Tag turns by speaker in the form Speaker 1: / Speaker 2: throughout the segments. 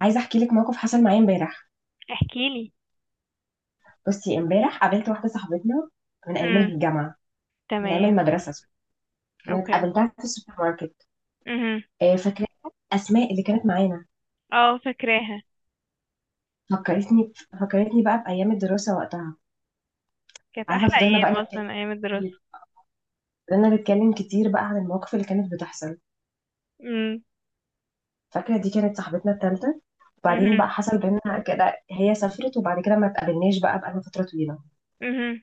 Speaker 1: عايزه احكي لك موقف حصل معايا امبارح.
Speaker 2: احكي لي.
Speaker 1: بصي، امبارح قابلت واحده صاحبتنا من ايام
Speaker 2: امم.
Speaker 1: الجامعه من ايام
Speaker 2: تمام.
Speaker 1: المدرسه. كانت
Speaker 2: اوكي.
Speaker 1: قابلتها في السوبر ماركت.
Speaker 2: امم.
Speaker 1: آه، فاكراها اسماء اللي كانت معانا.
Speaker 2: اه فاكراها.
Speaker 1: فكرتني فكرتني بقى بايام الدراسه وقتها.
Speaker 2: كانت
Speaker 1: عارفه،
Speaker 2: احلى
Speaker 1: فضلنا
Speaker 2: ايام
Speaker 1: بقى نتكلم
Speaker 2: اصلا ايام الدراسه.
Speaker 1: كتير. فضلنا نتكلم كتير بقى عن المواقف اللي كانت بتحصل.
Speaker 2: امم.
Speaker 1: فاكره دي كانت صاحبتنا الثالثه. وبعدين
Speaker 2: امم.
Speaker 1: بقى حصل بينا كده، هي سافرت وبعد كده ما اتقابلناش بقى فتره طويله.
Speaker 2: امم.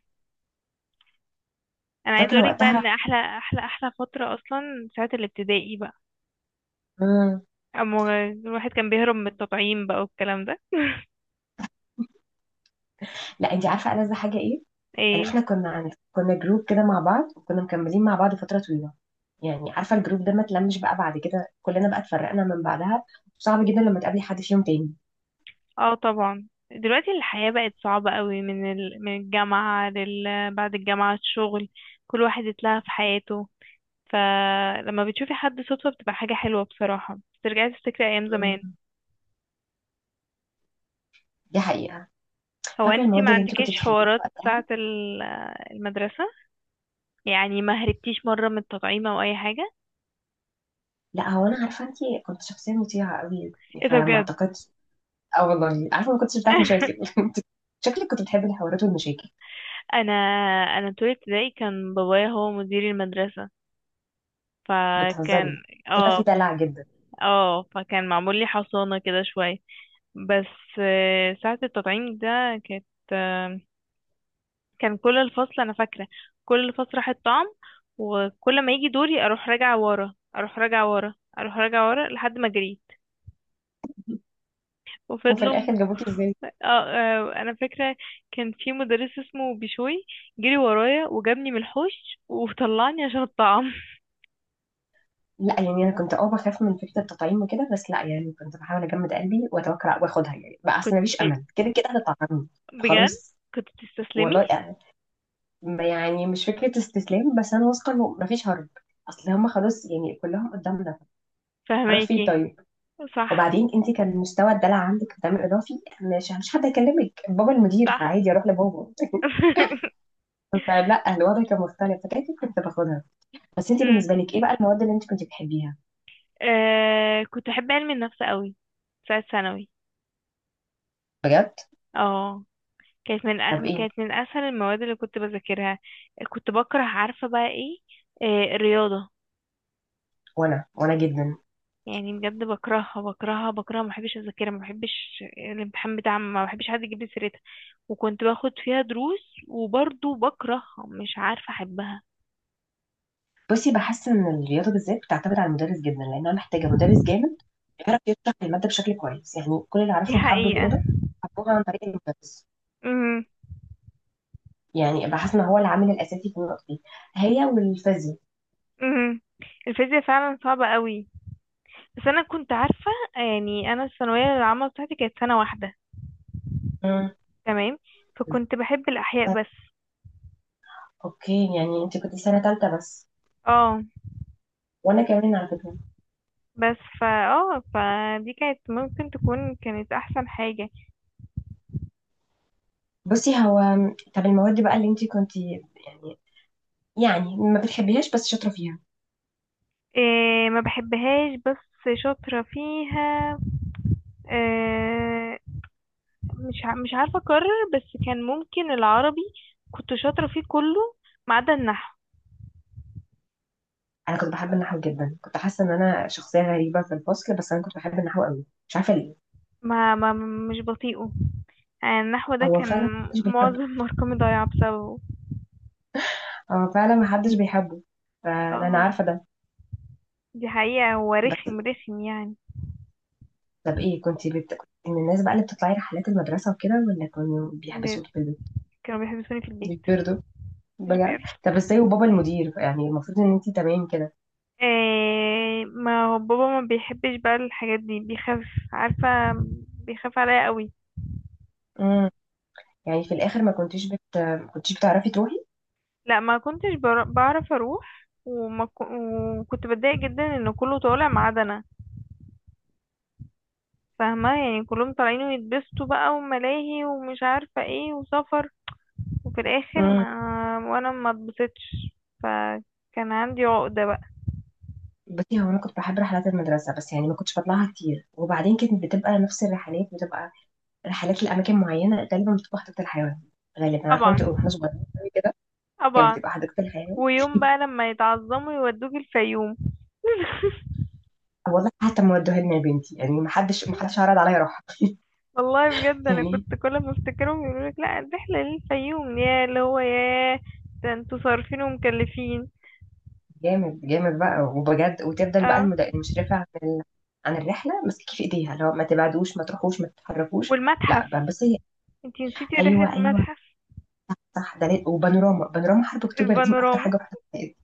Speaker 2: انا عايزه
Speaker 1: فاكره
Speaker 2: اقولك بقى ان
Speaker 1: وقتها.
Speaker 2: احلى احلى احلى فتره اصلا ساعه الابتدائي بقى.
Speaker 1: مم.
Speaker 2: اما الواحد كان بيهرب من التطعيم بقى والكلام ده
Speaker 1: لا انت عارفه ألذ حاجه ايه؟ يعني
Speaker 2: ايه.
Speaker 1: احنا كنا جروب كده مع بعض وكنا مكملين مع بعض فترة طويلة. يعني عارفة الجروب ده ما اتلمش بقى، بعد كده كلنا بقى اتفرقنا من بعدها. صعب جدا لما تقابلي حد فيهم تاني.
Speaker 2: اه طبعا دلوقتي الحياه بقت صعبه قوي من الجامعه بعد الجامعه الشغل. كل واحد اتلهى في حياته. فلما بتشوفي حد صدفه بتبقى حاجه حلوه بصراحه. بترجعي تفتكري ايام زمان.
Speaker 1: مم. دي حقيقة.
Speaker 2: هو
Speaker 1: فاكرة
Speaker 2: انتي
Speaker 1: المواد
Speaker 2: ما
Speaker 1: اللي انت
Speaker 2: عندكيش
Speaker 1: كنت بتحبيها
Speaker 2: حوارات ساعة
Speaker 1: وقتها؟
Speaker 2: المدرسة؟ يعني ما هربتيش مرة من التطعيم او اي حاجة؟
Speaker 1: لا، هو انا عارفة انت كنت شخصية مطيعة قوي، يعني
Speaker 2: ايه ده
Speaker 1: فما
Speaker 2: بجد؟
Speaker 1: اعتقدش. اه والله عارفة، ما كنتش بتاعت مشاكل انت. شكلك كنت بتحبي الحوارات والمشاكل.
Speaker 2: انا انا طول ابتدائي كان بابايا هو مدير المدرسة. فكان
Speaker 1: بتهزري؟ كده في
Speaker 2: اه
Speaker 1: دلع جدا.
Speaker 2: اه معمول لي حصانة كده شوية. بس ساعة التطعيم ده كانت آه، كان كل الفصل أنا فاكرة. كل الفصل راح الطعم. وكل ما يجي دوري أروح راجعة ورا أروح راجعة ورا أروح راجعة ورا لحد ما جريت.
Speaker 1: وفي
Speaker 2: وفضلوا م-
Speaker 1: الاخر جابوكي ازاي؟
Speaker 2: آه آه انا فاكره. كان في مدرس اسمه بشوي. جري ورايا وجابني من الحوش وطلعني عشان الطعام
Speaker 1: لا يعني انا كنت بخاف من فكره التطعيم وكده، بس لا يعني كنت بحاول اجمد قلبي واتوكل واخدها. يعني بقى
Speaker 2: كنت
Speaker 1: اصل مفيش امل، كده كده هتطعمني.
Speaker 2: بجد.
Speaker 1: خلاص.
Speaker 2: كنت تستسلمي؟
Speaker 1: والله يعني، يعني مش فكره استسلام، بس انا واثقه انه مفيش هرب. اصل هم خلاص يعني كلهم قدامنا. هروح فين
Speaker 2: فهماكي.
Speaker 1: طيب؟
Speaker 2: صح.
Speaker 1: وبعدين انت كان مستوى الدلع عندك قدام اضافي. مش حد يكلمك بابا المدير،
Speaker 2: صح.
Speaker 1: فعادي اروح لبابا فلا، الوضع كان مختلف، فكده كده كنت باخدها. بس انت
Speaker 2: أمم.
Speaker 1: بالنسبه لك ايه بقى المواد اللي انت كنت بتحبيها؟
Speaker 2: آه كنت احب علم النفس قوي. ساعه ثانوي.
Speaker 1: بجد؟
Speaker 2: اه. كانت من
Speaker 1: طب
Speaker 2: أ-
Speaker 1: ايه؟
Speaker 2: كانت من اسهل المواد اللي كنت بذاكرها. كنت بكره عارفه بقى ايه. آه الرياضه.
Speaker 1: وانا جدا.
Speaker 2: يعني بجد بكرهها بكرهها بكرهها، ما بحبش اذاكرها، ما بحبش الامتحان بتاعها، ما بحبش حد يجيب لي سيرتها. وكنت باخد فيها دروس وبرضه بكرهها مش عارفة احبها.
Speaker 1: بصي، بحس ان الرياضه بالذات بتعتمد على المدرس جدا، لانها محتاجه مدرس جامد يعرف يشرح الماده بشكل كويس. يعني كل اللي
Speaker 2: دي
Speaker 1: اعرفهم حبوا
Speaker 2: حقيقة.
Speaker 1: الرياضه، حبوها عن طريق المدرس.
Speaker 2: امم.
Speaker 1: يعني بحس ان هو العامل الاساسي في النقطه دي. هي والفيزياء.
Speaker 2: امم. الفيزياء فعلا صعبة قوي. بس انا كنت عارفة. يعني انا الثانوية العامة بتاعتي كانت سنة واحدة.
Speaker 1: امم.
Speaker 2: تمام. فكنت بحب الاحياء
Speaker 1: طيب.
Speaker 2: بس.
Speaker 1: اوكي، يعني انت كنت سنه ثالثه بس.
Speaker 2: اه.
Speaker 1: وانا كمان على فكره.
Speaker 2: بس فا اه فدي ممكن تكون كانت احسن حاجة.
Speaker 1: بصي هو، طب المواد بقى اللي انت كنت يعني ما بتحبيهاش بس شاطره فيها؟
Speaker 2: إيه. ما بحبهاش بس شاطرة فيها. آه، مش عارفة أكرر. بس كان ممكن العربي. كنت شاطرة فيه كله ما عدا النحو.
Speaker 1: انا كنت بحب النحو جدا. كنت حاسه ان انا شخصيه غريبه في الفصل، بس انا كنت بحب النحو قوي، مش عارفه ليه.
Speaker 2: ما, ما مش بطيئه. يعني النحو ده
Speaker 1: هو
Speaker 2: كان
Speaker 1: فعلا مش بيحب.
Speaker 2: معظم مرقمي ضايعة بسببه.
Speaker 1: هو فعلا محدش بيحبه. فانا
Speaker 2: اه.
Speaker 1: عارفه ده.
Speaker 2: دي حقيقة. هو
Speaker 1: بس،
Speaker 2: رخم رخم يعني.
Speaker 1: طب ايه، كنت كنت من الناس بقى اللي بتطلعي رحلات المدرسه وكده ولا كانوا
Speaker 2: ب-
Speaker 1: بيحبسوكي في البيت؟
Speaker 2: كانوا بيحبسوني في البيت.
Speaker 1: بيتبردوا؟
Speaker 2: مش
Speaker 1: بجد؟
Speaker 2: بيرضوا.
Speaker 1: طب ازاي وبابا المدير، يعني المفروض ان انت تمام كده.
Speaker 2: آه ما هو بابا ما بيحبش بقى الحاجات دي. بيخاف. عارفة. بيخاف عليا قوي.
Speaker 1: امم. يعني في الاخر ما كنتيش ما كنتيش بتعرفي تروحي؟
Speaker 2: لا ما كنتش بعرف اروح، وكنت بتضايق جدا ان كله طالع ما عدا انا. فاهمه يعني كلهم طالعين ويتبسطوا بقى، وملاهي ومش عارفه ايه وسفر. وفي الاخر ما
Speaker 1: امم.
Speaker 2: وانا ما اتبسطتش. فكان عندي عقده بقى.
Speaker 1: بصي، هو انا كنت بحب رحلات المدرسه بس يعني ما كنتش بطلعها كتير. وبعدين كانت بتبقى نفس الرحلات، بتبقى رحلات لاماكن معينه، غالبا بتبقى حديقه الحيوان. غالبا عارفه
Speaker 2: طبعا.
Speaker 1: انت، واحنا صغيرين قوي كده، كانت
Speaker 2: طبعا.
Speaker 1: بتبقى حديقه الحيوان.
Speaker 2: ويوم بقى لما يتعظموا يودوك الفيوم.
Speaker 1: والله حتى ما ودوها لنا يا بنتي، يعني ما حدش ما حدش عرض عليا اروح.
Speaker 2: والله بجد انا
Speaker 1: يعني
Speaker 2: كنت كل ما افتكرهم يقولوا لك لا الرحله للفيوم يا اللي هو ده انتوا صارفين ومكلفين.
Speaker 1: جامد جامد بقى وبجد. وتفضل بقى
Speaker 2: اه.
Speaker 1: المشرفه عن الرحله ماسكه في ايديها، لو ما تبعدوش ما تروحوش ما تتحركوش. لا
Speaker 2: والمتحف.
Speaker 1: بس هي.
Speaker 2: انتي نسيتي رحلة
Speaker 1: ايوه، ايوه،
Speaker 2: المتحف.
Speaker 1: صح. وبانوراما، بانوراما حرب اكتوبر دي من اكتر
Speaker 2: البانوراما.
Speaker 1: حاجه رحتها في حياتي.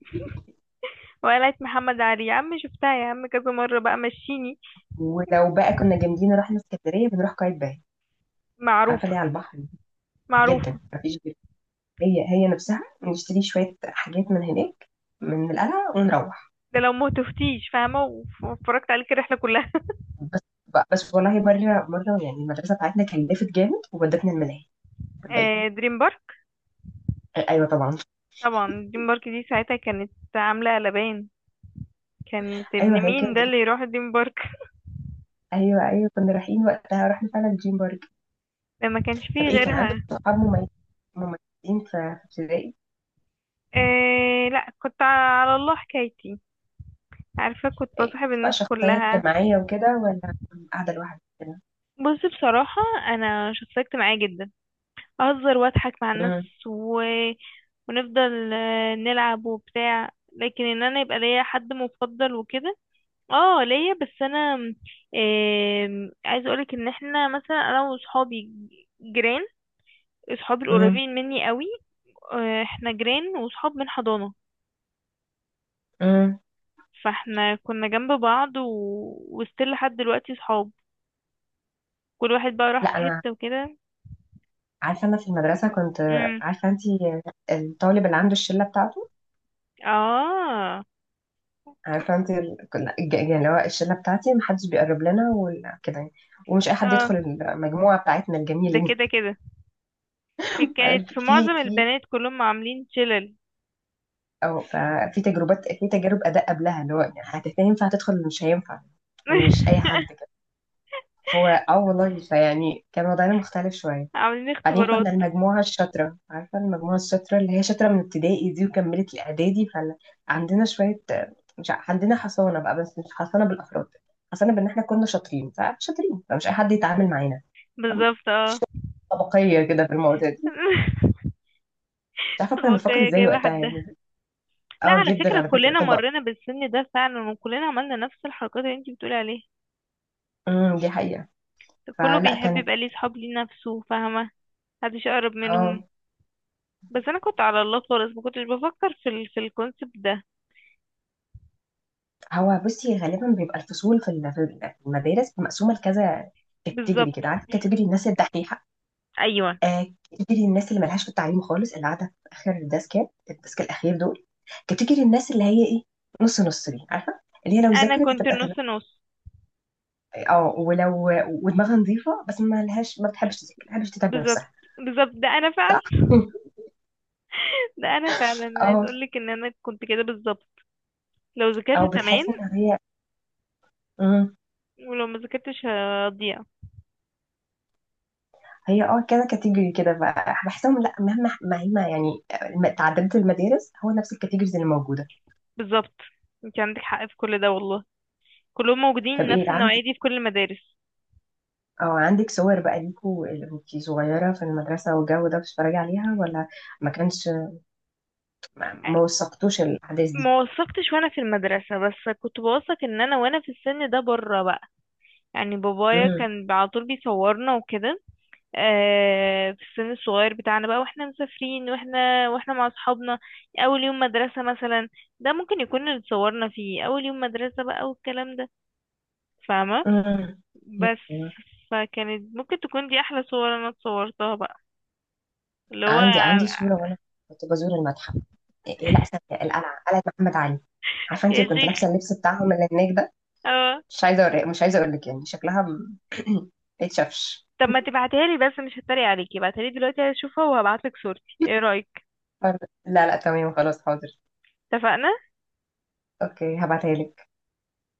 Speaker 2: وقلعة محمد علي يا عم، شفتها يا عم كذا مرة بقى مشيني.
Speaker 1: ولو بقى كنا جامدين رحنا اسكندريه، بنروح قايتباي. عارفه
Speaker 2: معروفة.
Speaker 1: ليه؟ على البحر
Speaker 2: معروفة.
Speaker 1: جدا، ما فيش غير. هي هي نفسها، نشتري شويه حاجات من هناك، من القلعه ونروح.
Speaker 2: ده لو ما تفتيش فاهمة واتفرجت عليك الرحلة كلها
Speaker 1: بس بس والله، مرة مرة يعني، المدرسة بتاعتنا كان لافت جامد وودتنا الملاهي. صدقني.
Speaker 2: آه دريم بارك.
Speaker 1: ايوه طبعا.
Speaker 2: طبعا. دريم بارك دي ساعتها كانت عاملة قلبان. كانت
Speaker 1: ايوه،
Speaker 2: ابن
Speaker 1: هي
Speaker 2: مين ده
Speaker 1: كده.
Speaker 2: اللي يروح دريم بارك
Speaker 1: ايوه، ايوه، كنا رايحين وقتها. رحنا فعلا دريم بارك.
Speaker 2: ده ما كانش
Speaker 1: طب
Speaker 2: فيه
Speaker 1: ايه، كان عندك
Speaker 2: غيرها.
Speaker 1: صحاب مميزين في ابتدائي؟
Speaker 2: آه لا كنت على الله حكايتي. عارفة كنت
Speaker 1: إيه،
Speaker 2: بصاحب
Speaker 1: كنت بقى
Speaker 2: الناس
Speaker 1: شخصية
Speaker 2: كلها.
Speaker 1: اجتماعية وكده ولا قاعدة لوحدي كده؟
Speaker 2: بص بصراحة، أنا شخصية اجتماعية جدا. اهزر واضحك مع الناس.
Speaker 1: امم.
Speaker 2: و... ونفضل نلعب وبتاع. لكن ان انا يبقى ليا حد مفضل وكده، اه ليا. بس انا آم، عايزه اقولك ان احنا مثلا انا وصحابي جيران. صحابي
Speaker 1: امم.
Speaker 2: القريبين مني قوي، احنا جيران وصحاب من حضانة.
Speaker 1: امم.
Speaker 2: فاحنا كنا جنب بعض و... وستيل لحد دلوقتي صحاب. كل واحد بقى راح في
Speaker 1: لا، انا
Speaker 2: حتة وكده.
Speaker 1: عارفة انا في المدرسة كنت.
Speaker 2: امم.
Speaker 1: عارفة انت الطالب اللي عنده الشلة بتاعته؟
Speaker 2: اه.
Speaker 1: عارفه انت، كنا يعني اللي هو الشله بتاعتي محدش بيقرب لنا وكده، يعني ومش اي حد
Speaker 2: اه.
Speaker 1: يدخل المجموعه بتاعتنا
Speaker 2: ده
Speaker 1: الجميله دي.
Speaker 2: كده كده كانت
Speaker 1: عارف،
Speaker 2: في معظم
Speaker 1: في
Speaker 2: البنات كلهم عاملين شلل.
Speaker 1: او في تجربات، في تجارب اداء قبلها، اللي هو يعني هينفع تدخل ولا مش هينفع. مش اي حد كده. فهو والله، فيعني كان وضعنا مختلف شويه.
Speaker 2: عاملين
Speaker 1: بعدين
Speaker 2: اختبارات.
Speaker 1: كنا المجموعة الشاطرة. عارفة المجموعة الشاطرة اللي هي شاطرة من ابتدائي دي وكملت الإعدادي؟ فعندنا شوية، مش ع- عندنا حصانة بقى، بس مش حصانة بالأفراد. حصانة بإن إحنا كنا شاطرين فشاطرين، فمش أي حد يتعامل معانا. فاهمة؟
Speaker 2: بالظبط
Speaker 1: مفيش
Speaker 2: اه.
Speaker 1: طبقية كده في المواضيع دي. مش عارفة كنا بنفكر
Speaker 2: بقية
Speaker 1: إزاي
Speaker 2: جايبة
Speaker 1: وقتها
Speaker 2: حدها.
Speaker 1: يعني.
Speaker 2: لا
Speaker 1: اه
Speaker 2: على
Speaker 1: جدا
Speaker 2: فكرة
Speaker 1: على فكرة
Speaker 2: كلنا
Speaker 1: طبق.
Speaker 2: مرينا بالسن ده فعلا، وكلنا عملنا نفس الحركات اللي انتي بتقولي عليها.
Speaker 1: امم. دي حقيقة.
Speaker 2: كله
Speaker 1: فلا
Speaker 2: بيحب
Speaker 1: كانت،
Speaker 2: يبقى ليه صحاب ليه نفسه، فاهمة. محدش أقرب
Speaker 1: اه.
Speaker 2: منهم. بس أنا كنت على الله خالص، ما كنتش بفكر في الكونسبت ده.
Speaker 1: هو بصي، غالبا بيبقى الفصول في المدارس مقسومة لكذا كاتيجوري
Speaker 2: بالظبط.
Speaker 1: كده. عارفة؟ كاتيجوري الناس الدحيحة.
Speaker 2: أيوة.
Speaker 1: كاتيجوري الناس اللي ملهاش في التعليم خالص، اللي قاعده في اخر الديسكات، الديسك الاخير دول. كاتيجوري الناس اللي هي ايه، نص نص دي، عارفه؟ اللي هي لو
Speaker 2: أنا
Speaker 1: ذاكرت
Speaker 2: كنت
Speaker 1: هتبقى تمام.
Speaker 2: نص نص.
Speaker 1: اه. ولو ودماغها نظيفه، بس ما لهاش، ما بتحبش تذاكر، ما بتحبش تتعب
Speaker 2: بالظبط.
Speaker 1: نفسها.
Speaker 2: بالظبط. ده أنا فعلا.
Speaker 1: صح.
Speaker 2: ده أنا فعلا عايز
Speaker 1: اه،
Speaker 2: أقولك إن أنا كنت كده بالظبط. لو
Speaker 1: او
Speaker 2: ذاكرت تمام،
Speaker 1: بتحس ان هي. مم.
Speaker 2: ولو ما ذاكرتش هضيع.
Speaker 1: هي كده كاتيجوري كده بقى بحسهم، لا مهما مهما يعني تعددت المدارس، هو نفس الكاتيجوريز اللي موجوده.
Speaker 2: بالظبط. انت عندك حق في كل ده والله. كلهم موجودين،
Speaker 1: طب ايه
Speaker 2: نفس
Speaker 1: العام،
Speaker 2: النوعية دي في كل المدارس.
Speaker 1: اه عندك صور بقى ليكوا اللي كنتي صغيرة في المدرسة والجو ده بتتفرجي عليها ولا ما كانش، ما وثقتوش الأحداث دي؟
Speaker 2: ما وثقتش وانا في المدرسة، بس كنت بوثق ان انا في السن ده بره بقى. يعني بابايا
Speaker 1: امم.
Speaker 2: كان على طول بيصورنا وكده. في السن الصغير بتاعنا بقى، واحنا مسافرين، واحنا مع اصحابنا. اول يوم مدرسة مثلا. ده ممكن يكون اللي اتصورنا فيه اول يوم مدرسة بقى والكلام ده. فاهمة.
Speaker 1: امم.
Speaker 2: بس
Speaker 1: أيوة.
Speaker 2: فكانت ممكن تكون دي احلى صور انا اتصورتها بقى، اللي هو
Speaker 1: عندي صورة وأنا كنت بزور المتحف. إيه إيه، لا استنى، القلعة، قلعة محمد علي. عارفة أنتي
Speaker 2: يا
Speaker 1: كنت
Speaker 2: شيخ.
Speaker 1: لابسة اللبس بتاعهم اللي هناك ده؟
Speaker 2: اه.
Speaker 1: مش عايزة أقول لك. يعني شكلها ما يتشافش.
Speaker 2: طب ما تبعتها لي بس، مش هتريق عليكي، ابعتها لي دلوقتي هشوفها وهبعت لك صورتي، ايه رأيك؟
Speaker 1: طيب. لا لا، تمام، خلاص، حاضر.
Speaker 2: اتفقنا.
Speaker 1: أوكي، هبعتها لك.